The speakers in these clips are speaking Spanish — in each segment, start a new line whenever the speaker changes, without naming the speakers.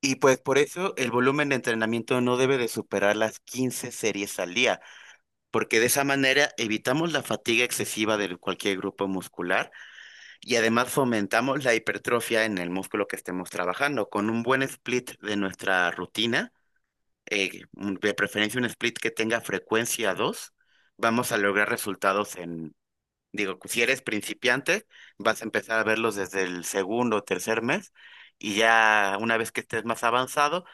Y pues por eso el volumen de entrenamiento no debe de superar las 15 series al día, porque de esa manera evitamos la fatiga excesiva de cualquier grupo muscular y además fomentamos la hipertrofia en el músculo que estemos trabajando. Con un buen split de nuestra rutina, de preferencia un split que tenga frecuencia dos, vamos a lograr resultados en, digo, si eres principiante, vas a empezar a verlos desde el segundo o tercer mes y ya una vez que estés más avanzado,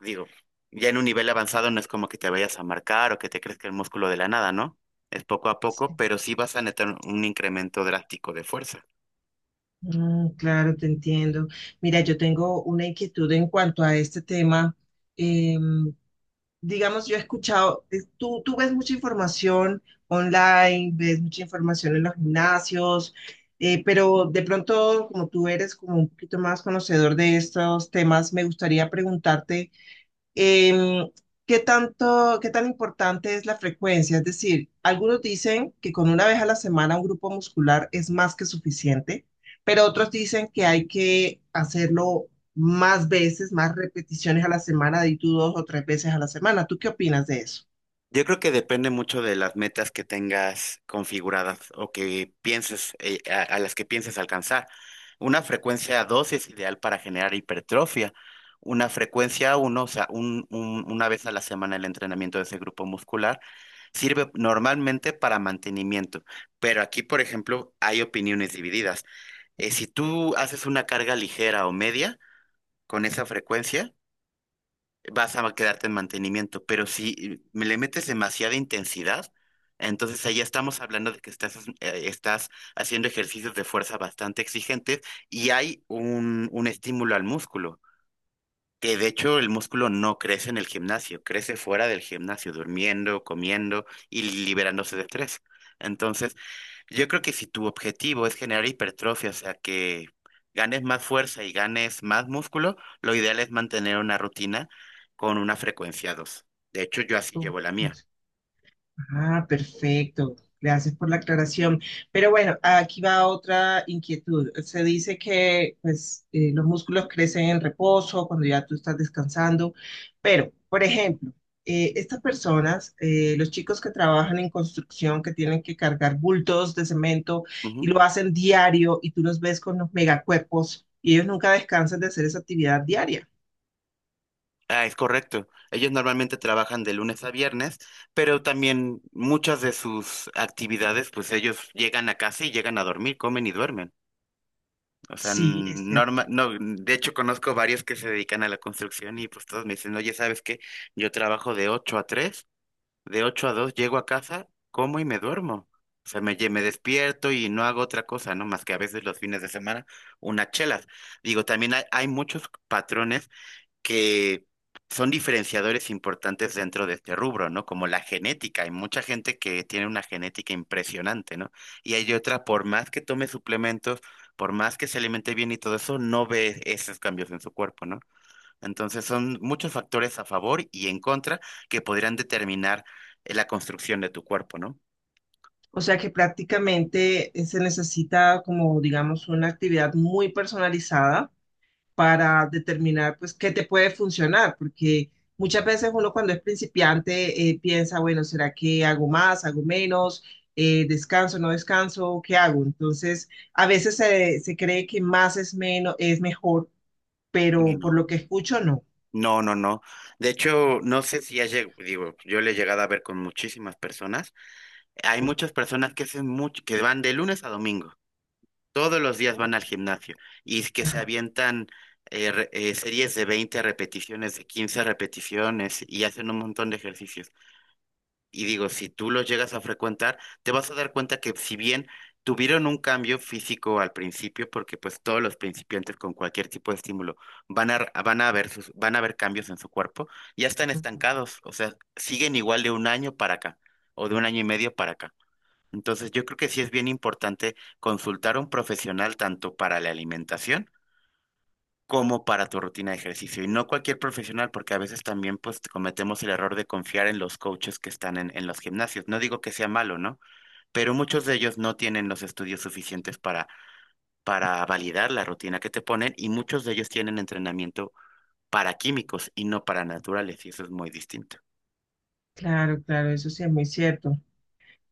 digo, ya en un nivel avanzado no es como que te vayas a marcar o que te crezca el músculo de la nada, ¿no? Es poco a
Sí.
poco, pero sí vas a netar un incremento drástico de fuerza.
Claro, te entiendo. Mira, yo tengo una inquietud en cuanto a este tema. Em, digamos, yo he escuchado, tú ves mucha información online, ves mucha información en los gimnasios, pero de pronto, como tú eres como un poquito más conocedor de estos temas, me gustaría preguntarte. Em, ¿Qué tanto, qué tan importante es la frecuencia? Es decir, algunos dicen que con una vez a la semana un grupo muscular es más que suficiente, pero otros dicen que hay que hacerlo más veces, más repeticiones a la semana, de tú dos o tres veces a la semana. ¿Tú qué opinas de eso?
Yo creo que depende mucho de las metas que tengas configuradas o que pienses, a las que pienses alcanzar. Una frecuencia 2 es ideal para generar hipertrofia. Una frecuencia uno, o sea, una vez a la semana el entrenamiento de ese grupo muscular, sirve normalmente para mantenimiento. Pero aquí, por ejemplo, hay opiniones divididas. Si tú haces una carga ligera o media con esa frecuencia, vas a quedarte en mantenimiento, pero si me le metes demasiada intensidad, entonces ahí estamos hablando de que estás haciendo ejercicios de fuerza bastante exigentes y hay un estímulo al músculo. Que de hecho el músculo no crece en el gimnasio, crece fuera del gimnasio, durmiendo, comiendo y liberándose de estrés. Entonces, yo creo que si tu objetivo es generar hipertrofia, o sea, que ganes más fuerza y ganes más músculo, lo ideal es mantener una rutina con una frecuencia dos. De hecho, yo así
Oh,
llevo la mía.
Ah, perfecto. Gracias por la aclaración. Pero bueno, aquí va otra inquietud. Se dice que pues, los músculos crecen en reposo cuando ya tú estás descansando, pero, por ejemplo, estas personas, los chicos que trabajan en construcción, que tienen que cargar bultos de cemento y
Ujú.
lo hacen diario y tú los ves con los megacuerpos y ellos nunca descansan de hacer esa actividad diaria.
Ah, es correcto. Ellos normalmente trabajan de lunes a viernes, pero también muchas de sus actividades, pues ellos llegan a casa y llegan a dormir, comen y duermen. O sea,
Sí, es cierto.
no, de hecho conozco varios que se dedican a la construcción y pues todos me dicen, oye, ¿sabes qué? Yo trabajo de 8 a tres, de 8 a 2 llego a casa, como y me duermo. O sea, me despierto y no hago otra cosa, ¿no? Más que a veces los fines de semana, unas chelas. Digo, también hay muchos patrones que son diferenciadores importantes dentro de este rubro, ¿no? Como la genética. Hay mucha gente que tiene una genética impresionante, ¿no? Y hay otra, por más que tome suplementos, por más que se alimente bien y todo eso, no ve esos cambios en su cuerpo, ¿no? Entonces son muchos factores a favor y en contra que podrían determinar la construcción de tu cuerpo, ¿no?
O sea que prácticamente se necesita como, digamos, una actividad muy personalizada para determinar, pues, qué te puede funcionar, porque muchas veces uno cuando es principiante piensa, bueno, ¿será que hago más, hago menos, descanso, no descanso, qué hago? Entonces, a veces se cree que más es menos, es mejor,
Y
pero por
no.
lo que escucho, no.
No, no, no. De hecho, no sé si has llegado, digo, yo le he llegado a ver con muchísimas personas. Hay muchas personas que hacen mucho, que van de lunes a domingo, todos los días van
Oh.
al gimnasio y es que se
Ajá.
avientan series de 20 repeticiones, de 15 repeticiones y hacen un montón de ejercicios. Y digo, si tú los llegas a frecuentar, te vas a dar cuenta que si bien tuvieron un cambio físico al principio, porque pues todos los principiantes con cualquier tipo de estímulo van a, van a van a ver cambios en su cuerpo, ya están
Ujú.
estancados, o sea, siguen igual de un año para acá o de un año y medio para acá. Entonces, yo creo que sí es bien importante consultar a un profesional tanto para la alimentación como para tu rutina de ejercicio. Y no cualquier profesional, porque a veces también pues cometemos el error de confiar en los coaches que en los gimnasios. No digo que sea malo, ¿no? Pero muchos de ellos no tienen los estudios suficientes para validar la rutina que te ponen y muchos de ellos tienen entrenamiento para químicos y no para naturales, y eso es muy distinto.
Claro, claro, eso sí es muy cierto.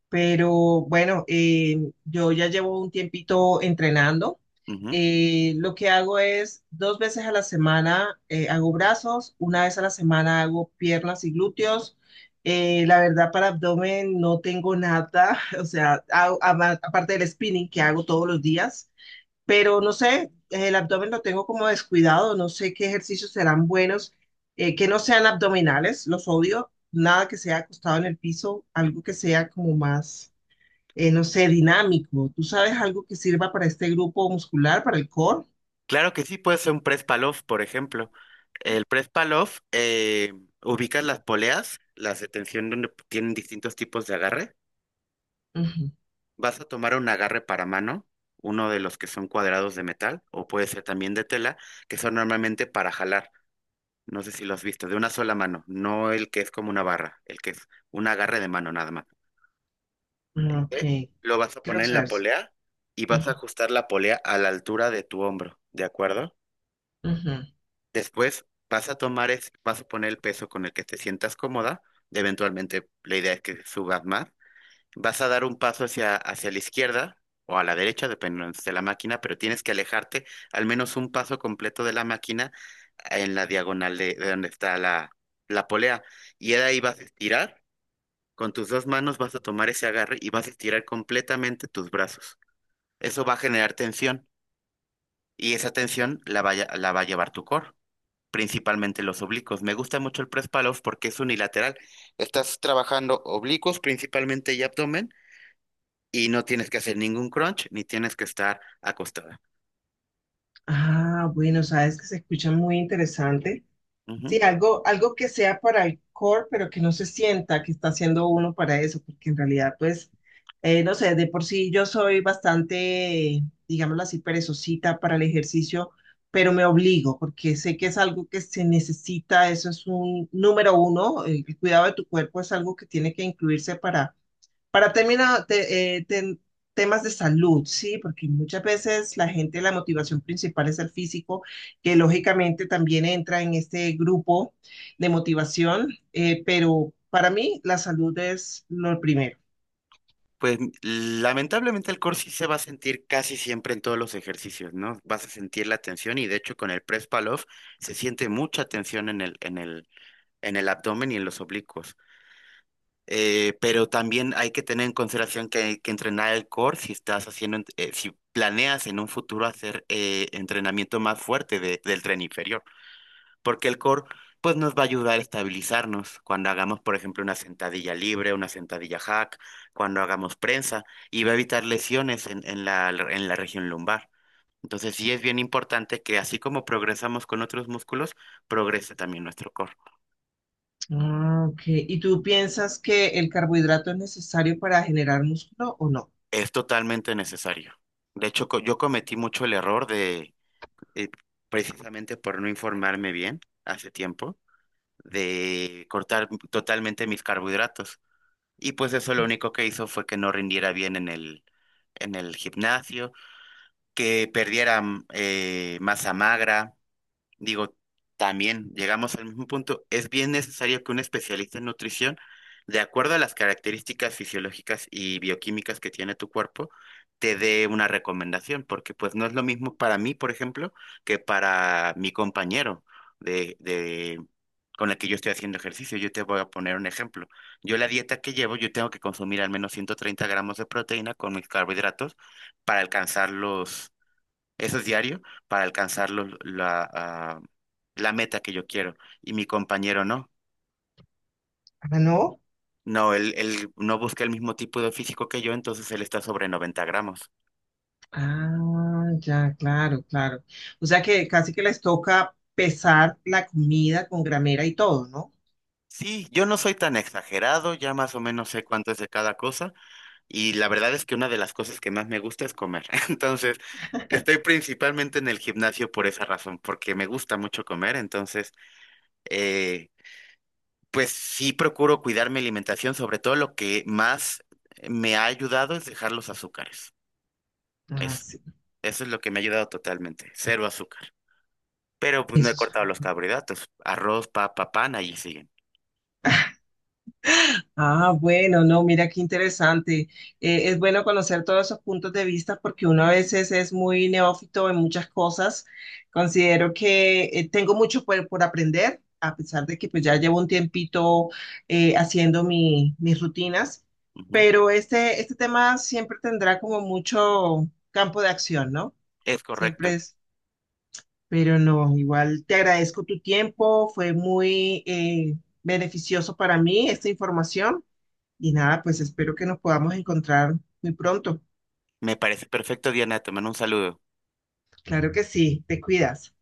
Pero bueno, yo ya llevo un tiempito entrenando. Lo que hago es dos veces a la semana hago brazos, una vez a la semana hago piernas y glúteos. La verdad, para abdomen no tengo nada, o sea, aparte del spinning que hago todos los días, pero no sé, el abdomen lo tengo como descuidado, no sé qué ejercicios serán buenos, que no sean abdominales, los odio, nada que sea acostado en el piso, algo que sea como más no sé, dinámico. ¿Tú sabes algo que sirva para este grupo muscular, para el core?
Claro que sí, puede ser un press palof, por ejemplo. El press palof, ubicas las poleas, las de tensión donde tienen distintos tipos de agarre.
Ujú.
Vas a tomar un agarre para mano, uno de los que son cuadrados de metal, o puede ser también de tela, que son normalmente para jalar. No sé si los has visto, de una sola mano, no el que es como una barra, el que es un agarre de mano nada más.
Ok,
¿Ok? Lo vas a
quiero
poner en la
saber si.
polea y vas a ajustar la polea a la altura de tu hombro, ¿de acuerdo?
Ujú, ujú.
Después vas a vas a poner el peso con el que te sientas cómoda. Eventualmente la idea es que subas más. Vas a dar un paso hacia la izquierda o a la derecha, dependiendo de la máquina, pero tienes que alejarte al menos un paso completo de la máquina en la diagonal de donde está la polea. Y de ahí vas a estirar. Con tus dos manos vas a tomar ese agarre y vas a estirar completamente tus brazos. Eso va a generar tensión y esa tensión la va a llevar tu core, principalmente los oblicuos. Me gusta mucho el press pull porque es unilateral. Estás trabajando oblicuos principalmente y abdomen y no tienes que hacer ningún crunch ni tienes que estar acostada.
Ah, bueno, sabes que se escucha muy interesante. Sí,
Ujú.
algo, algo que sea para el core, pero que no se sienta que está haciendo uno para eso, porque en realidad, pues, no sé, de por sí yo soy bastante, digámoslo así, perezosita para el ejercicio, pero me obligo, porque sé que es algo que se necesita, eso es un número uno, el cuidado de tu cuerpo es algo que tiene que incluirse para terminar, temas de salud, ¿sí? Porque muchas veces la gente, la motivación principal es el físico, que lógicamente también entra en este grupo de motivación, pero para mí la salud es lo primero.
Pues lamentablemente el core sí se va a sentir casi siempre en todos los ejercicios, ¿no? Vas a sentir la tensión y de hecho con el press pull-off se siente mucha tensión en el abdomen y en los oblicuos. Pero también hay que tener en consideración que hay que entrenar el core si estás si planeas en un futuro hacer entrenamiento más fuerte del tren inferior, porque el core pues nos va a ayudar a estabilizarnos cuando hagamos, por ejemplo, una sentadilla libre, una sentadilla hack, cuando hagamos prensa, y va a evitar lesiones en la región lumbar. Entonces sí es bien importante que así como progresamos con otros músculos, progrese también nuestro core.
Ah, ok. ¿Y tú piensas que el carbohidrato es necesario para generar músculo o no?
Es totalmente necesario. De hecho, yo cometí mucho el error de, eh, precisamente por no informarme bien hace tiempo, de cortar totalmente mis carbohidratos. Y pues eso lo único que hizo fue que no rindiera bien en el gimnasio, que perdiera masa magra. Digo, también llegamos al mismo punto. Es bien necesario que un especialista en nutrición, de acuerdo a las características fisiológicas y bioquímicas que tiene tu cuerpo, te dé una recomendación, porque pues no es lo mismo para mí, por ejemplo, que para mi compañero de con el que yo estoy haciendo ejercicio. Yo te voy a poner un ejemplo. Yo la dieta que llevo, yo tengo que consumir al menos 130 gramos de proteína con mis carbohidratos para alcanzar los, eso es diario, para alcanzar la meta que yo quiero. Y mi compañero no.
Ah, no.
No, él no busca el mismo tipo de físico que yo, entonces él está sobre 90 gramos.
Ah, ya, claro, claro. O sea que casi que les toca pesar la comida con gramera y todo, ¿no?
Sí, yo no soy tan exagerado, ya más o menos sé cuánto es de cada cosa. Y la verdad es que una de las cosas que más me gusta es comer. Entonces, estoy principalmente en el gimnasio por esa razón, porque me gusta mucho comer. Entonces, eh, pues sí procuro cuidar mi alimentación, sobre todo lo que más me ha ayudado es dejar los azúcares.
Ah,
Eso,
sí.
eso es lo que me ha ayudado totalmente, cero azúcar. Pero pues no he
Eso es.
cortado los carbohidratos, arroz, papa, pan, allí siguen.
Ah, bueno, no, mira qué interesante. Es bueno conocer todos esos puntos de vista porque uno a veces es muy neófito en muchas cosas. Considero que tengo mucho por aprender, a pesar de que pues ya llevo un tiempito haciendo mis rutinas,
Ujú.
pero este tema siempre tendrá como mucho campo de acción, ¿no?
Es correcto.
Siempre es, pero no, igual te agradezco tu tiempo, fue muy beneficioso para mí esta información. Y nada, pues espero que nos podamos encontrar muy pronto.
Me parece perfecto, Diana, te mando un saludo.
Claro que sí, te cuidas.